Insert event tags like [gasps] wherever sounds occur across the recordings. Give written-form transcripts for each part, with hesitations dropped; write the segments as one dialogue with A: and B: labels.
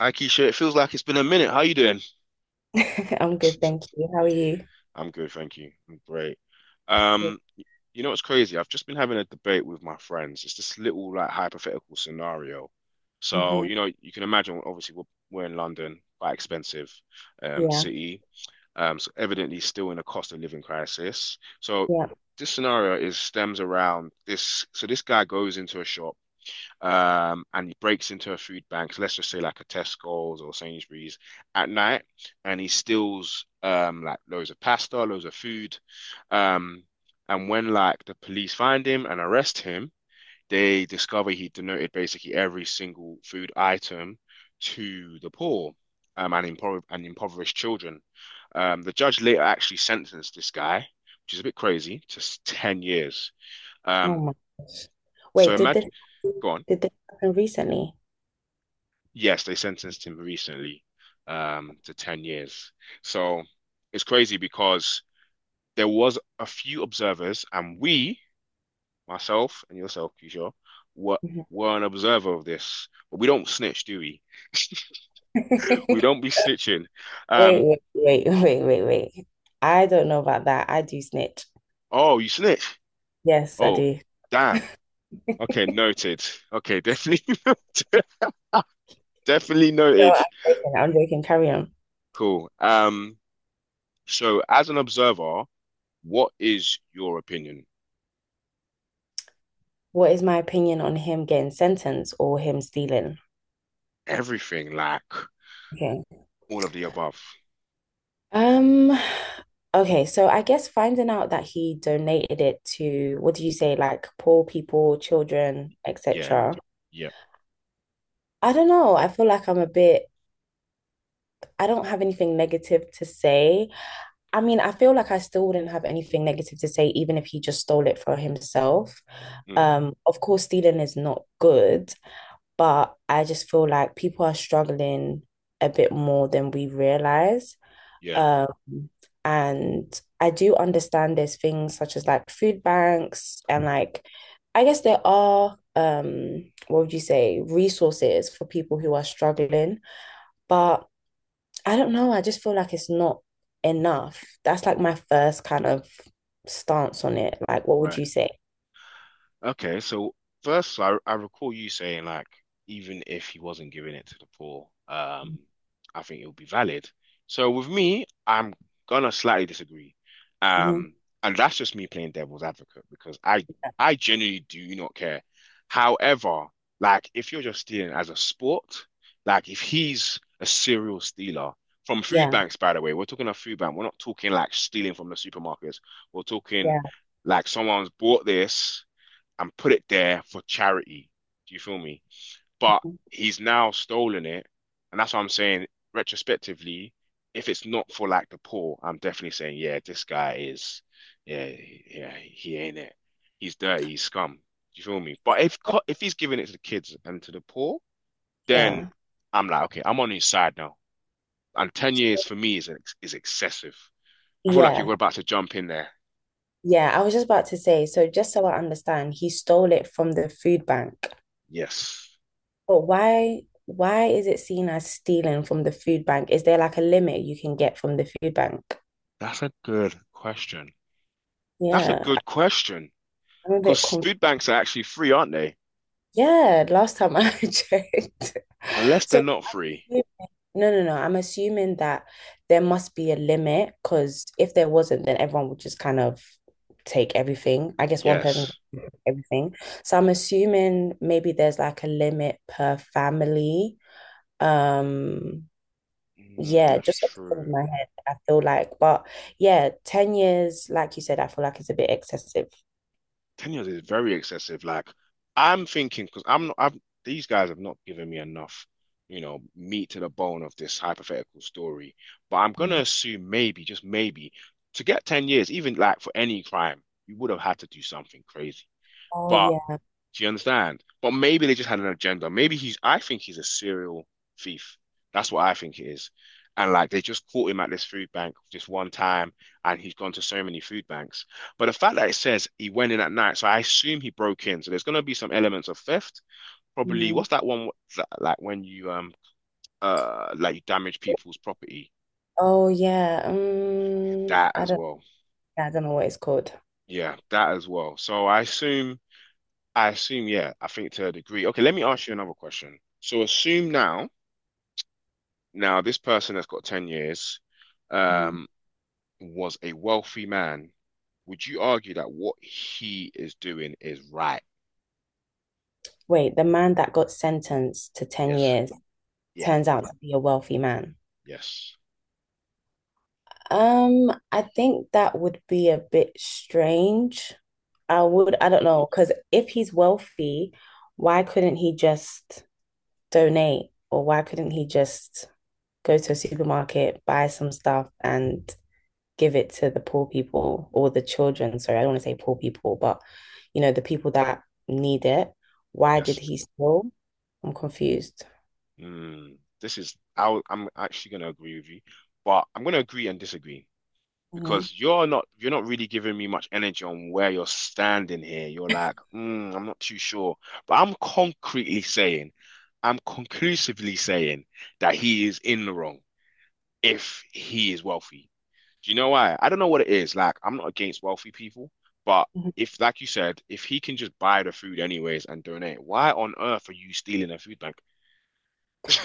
A: Hi, Keisha. It feels like it's been a minute. How you doing?
B: [laughs] I'm good, thank you. How are you?
A: I'm good, thank you. I'm great.
B: Good.
A: Um, you know what's crazy? I've just been having a debate with my friends. It's this little like hypothetical scenario. So,
B: hmm
A: you know, you can imagine obviously we're in London, quite expensive
B: Yeah,
A: city. So evidently still in a cost of living crisis. So
B: yeah.
A: this scenario is stems around this. So this guy goes into a shop. And he breaks into a food bank, so let's just say like a Tesco's or Sainsbury's at night, and he steals like loads of pasta, loads of food. Um, and when like the police find him and arrest him, they discover he donated basically every single food item to the poor and, impoverished children. The judge later actually sentenced this guy, which is a bit crazy, to 10 years.
B: Oh
A: Um,
B: my gosh.
A: so
B: Wait,
A: imagine, go on.
B: did this happen recently?
A: Yes, they sentenced him recently, to 10 years. So it's crazy because there was a few observers, and we, myself and yourself, Kishore, were
B: Mhm.
A: were an observer of this. But we don't snitch, do we? We don't
B: [laughs]
A: be snitching.
B: Wait,
A: Um,
B: wait, wait, wait, wait, wait. I don't know about that. I do snitch.
A: oh, you snitch?
B: Yes, I
A: Oh,
B: do.
A: damn. Okay, noted. Okay, definitely [laughs] definitely
B: No,
A: noted.
B: I'm joking. I'm joking. Carry on.
A: Cool. So as an observer, what is your opinion?
B: What is my opinion on him getting sentenced or him stealing?
A: Everything, like
B: Okay.
A: all of the above.
B: Um, okay, so I guess finding out that he donated it to, what do you say, like poor people, children,
A: Yeah,
B: etc.
A: yeah,
B: I don't know. I feel like I'm a bit, I don't have anything negative to say. I mean, I feel like I still wouldn't have anything negative to say, even if he just stole it for himself.
A: mm,
B: Of course, stealing is not good, but I just feel like people are struggling a bit more than we realize.
A: yeah,
B: Um, and I do understand there's things such as like food banks and like, I guess there are, what would you say, resources for people who are struggling, but I don't know. I just feel like it's not enough. That's like my first kind of stance on it. Like, what would
A: right.
B: you say?
A: Okay, so first, I recall you saying like even if he wasn't giving it to the poor, I think it would be valid. So with me, I'm gonna slightly disagree,
B: Mhm.
A: um, and that's just me playing devil's advocate because I genuinely do not care. However, like if you're just stealing as a sport, like if he's a serial stealer from food
B: Yeah,
A: banks, by the way, we're talking a food bank. We're not talking like stealing from the supermarkets. We're talking
B: yeah.
A: like someone's bought this and put it there for charity. Do you feel me? But
B: Mhm.
A: he's now stolen it, and that's what I'm saying. Retrospectively, if it's not for like the poor, I'm definitely saying, yeah, this guy is, yeah, yeah, he ain't it. He's dirty, he's scum. Do you feel me? But if he's giving it to the kids and to the poor, then
B: Yeah,
A: I'm like, okay, I'm on his side now. And 10 years for me is excessive. I feel like
B: yeah,
A: you're about to jump in there.
B: yeah. I was just about to say, so just so I understand, he stole it from the food bank.
A: Yes,
B: Why is it seen as stealing from the food bank? Is there like a limit you can get from the food bank?
A: that's a good question. That's a
B: Yeah,
A: good question.
B: I'm a bit
A: Because
B: confused.
A: food banks are actually free, aren't they?
B: Yeah, last time I [laughs] checked.
A: Unless they're
B: So
A: not free.
B: no, no, no. I'm assuming that there must be a limit because if there wasn't, then everyone would just kind of take everything. I guess one person
A: Yes.
B: would take everything. So I'm assuming maybe there's like a limit per family. Um,
A: Mm,
B: yeah,
A: that's
B: just off the top of
A: true.
B: my head, I feel like, but yeah, 10 years, like you said, I feel like it's a bit excessive.
A: 10 years is very excessive. Like, I'm thinking, because I'm not, I've, these guys have not given me enough, you know, meat to the bone of this hypothetical story. But I'm going to
B: Mhm.
A: assume maybe, just maybe, to get 10 years, even like for any crime, you would have had to do something crazy.
B: Oh
A: But
B: yeah.
A: do you understand? But maybe they just had an agenda. Maybe he's, I think he's a serial thief. That's what I think it is. And like they just caught him at this food bank just one time and he's gone to so many food banks. But the fact that it says he went in at night, so I assume he broke in. So there's going to be some elements of theft. Probably,
B: Mm.
A: what's that one that, like when you, like you damage people's property?
B: Oh yeah.
A: That
B: I
A: as
B: don't,
A: well.
B: yeah, I don't know what it's called.
A: Yeah, that as well. So I assume, yeah, I think to a degree. Okay, let me ask you another question. So assume now, this person that's got 10 years
B: Mhm.
A: um, was a wealthy man. Would you argue that what he is doing is right?
B: Wait, the man that got sentenced to 10
A: Yes.
B: years
A: Yeah.
B: turns out to be a wealthy man.
A: Yes.
B: I think that would be a bit strange.
A: Mm,
B: I don't know, because if he's wealthy, why couldn't he just donate or why couldn't he just go to a supermarket, buy some stuff and give it to the poor people or the children? Sorry, I don't want to say poor people, but you know, the people that need it. Why did
A: yes.
B: he steal? I'm confused.
A: Mm. This is, I, I'm actually going to agree with you, but I'm going to agree and disagree
B: Mhm,
A: because you're not really giving me much energy on where you're standing here. You're like, mm, I'm not too sure, but I'm conclusively saying that he is in the wrong. If he is wealthy. Do you know why? I don't know what it is. Like, I'm not against wealthy people, but
B: mhm.
A: if, like you said, if he can just buy the food anyways and donate, why on earth are you stealing a food bank?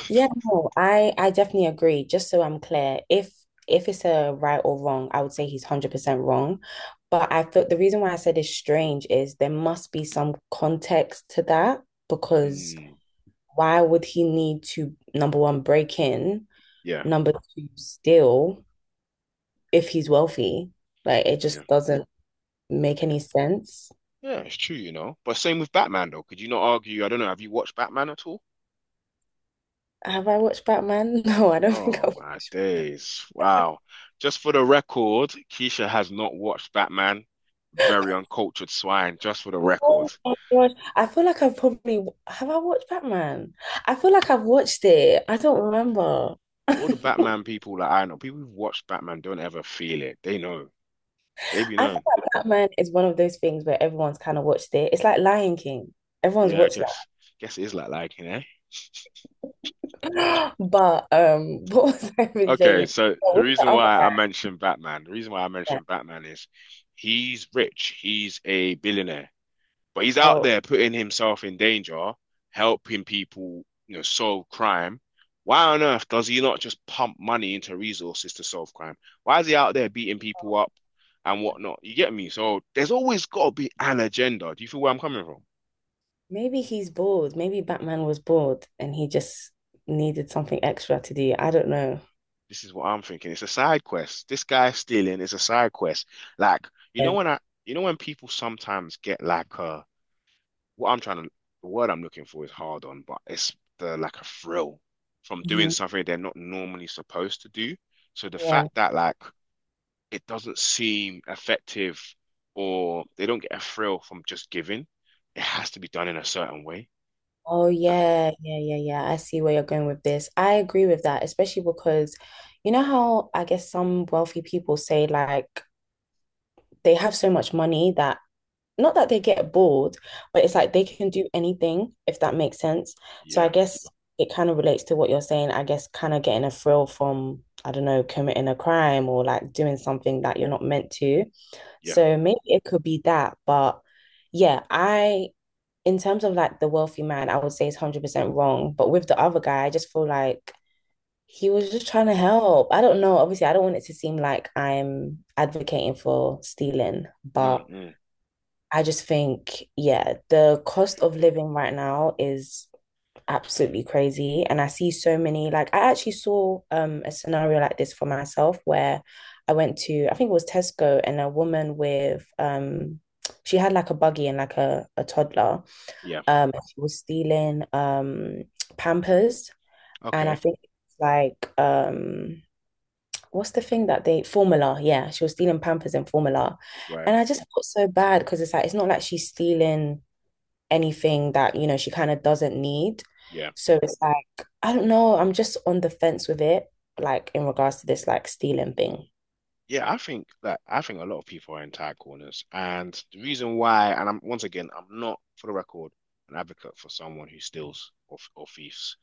B: Yeah, no, I definitely agree. Just so I'm clear, if it's a right or wrong, I would say he's 100% wrong. But I feel the reason why I said it's strange is there must be some context to that because
A: Hmm.
B: why would he need to, number one, break in,
A: Yeah,
B: number two, steal if he's wealthy? Like it
A: yeah,
B: just doesn't make any sense.
A: yeah. It's true, you know. But same with Batman, though. Could you not argue? I don't know. Have you watched Batman at all?
B: Have I watched Batman? [laughs] No, I don't think
A: Oh
B: I.
A: my days! Wow. Just for the record, Keisha has not watched Batman. Very uncultured swine. Just for the
B: Oh
A: record.
B: my gosh. I feel like I've probably have I watched Batman? I feel like I've watched it. I don't remember. [laughs] I
A: All the Batman people that I know, people who've watched Batman don't ever feel it. They know. They
B: feel
A: be knowing.
B: like Batman is one of those things where everyone's kind of watched it. It's like Lion King. Everyone's
A: Yeah, I
B: watched
A: guess guess it is like liking, eh?
B: that. [gasps] But [laughs] what was I even
A: Okay,
B: saying?
A: so
B: Oh, what's the other
A: the reason why I
B: thing?
A: mentioned Batman is he's rich. He's a billionaire. But he's out there
B: Oh,
A: putting himself in danger, helping people, you know, solve crime. Why on earth does he not just pump money into resources to solve crime? Why is he out there beating people up and whatnot? You get me? So there's always got to be an agenda. Do you feel where I'm coming from?
B: maybe he's bored. Maybe Batman was bored and he just needed something extra to do. I don't know.
A: This is what I'm thinking. It's a side quest. This guy stealing is a side quest. Like, you know
B: Yeah.
A: when I, you know when people sometimes get like a what I'm trying to, the word I'm looking for is hard on, but it's the like a thrill from doing
B: Mhm.
A: something they're not normally supposed to do. So the
B: Yeah.
A: fact that like it doesn't seem effective or they don't get a thrill from just giving, it has to be done in a certain way.
B: Oh
A: Uh,
B: yeah, yeah, yeah, yeah. I see where you're going with this. I agree with that, especially because you know how I guess some wealthy people say like they have so much money that not that they get bored, but it's
A: mm,
B: like they can do anything if that makes sense. So I
A: yeah,
B: guess it kind of relates to what you're saying. I guess kind of getting a thrill from, I don't know, committing a crime or like doing something that you're not meant to.
A: yeah,
B: So maybe it could be that, but yeah, I in terms of like the wealthy man, I would say it's 100% wrong. But with the other guy, I just feel like he was just trying to help. I don't know. Obviously, I don't want it to seem like I'm advocating for stealing,
A: mm,
B: but
A: mm,
B: I just think, yeah, the cost of living right now is absolutely crazy. And I see so many, like, I actually saw a scenario like this for myself where I went to, I think it was Tesco, and a woman with, she had like a buggy and like a toddler,
A: yeah.
B: she was stealing Pampers, and I
A: Okay,
B: think it's like what's the thing that they formula? Yeah, she was stealing Pampers and formula,
A: right.
B: and I just felt so bad because it's like it's not like she's stealing anything that you know she kind of doesn't need.
A: Yeah.
B: So it's like I don't know. I'm just on the fence with it, like in regards to this like stealing thing.
A: Yeah, I think that I think a lot of people are in tight corners, and the reason why, and I'm once again, I'm not for the record an advocate for someone who steals or thieves.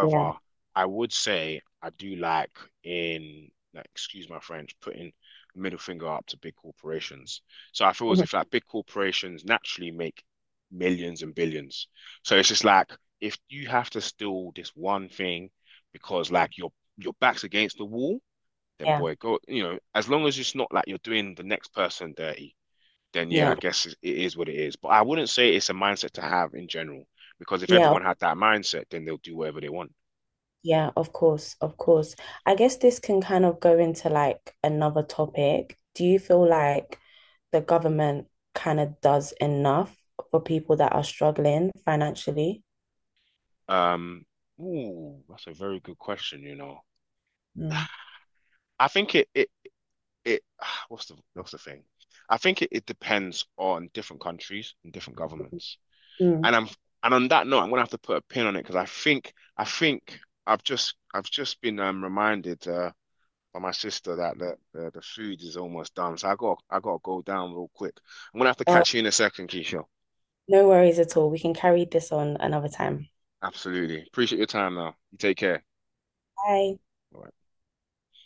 B: Yeah.
A: I would say I do like in, like, excuse my French, putting the middle finger up to big corporations. So I feel
B: [laughs]
A: as if
B: Mhm.
A: like big corporations naturally make millions and billions. So it's just like if you have to steal this one thing because like your back's against the wall then
B: Yeah.
A: boy, go. You know, as long as it's not like you're doing the next person dirty, then yeah,
B: Yeah.
A: I guess it is what it is. But I wouldn't say it's a mindset to have in general, because if
B: Yeah.
A: everyone had that mindset, then they'll do whatever they want.
B: Yeah, of course, of course. I guess this can kind of go into like another topic. Do you feel like the government kind of does enough for people that are struggling financially?
A: Um, Ooh, that's a very good question, you know.
B: Mm.
A: I think it [sighs] what's the thing? I think it depends on different countries and different governments.
B: Mm.
A: And I'm and on that note, I'm gonna have to put a pin on it because I think I've just been reminded by my sister that the food is almost done. So I got to go down real quick. I'm gonna have to
B: Oh,
A: catch you in a second, Keisha.
B: no worries at all. We can carry this on another time.
A: Absolutely. Appreciate your time now. You take care.
B: Bye.
A: Bye.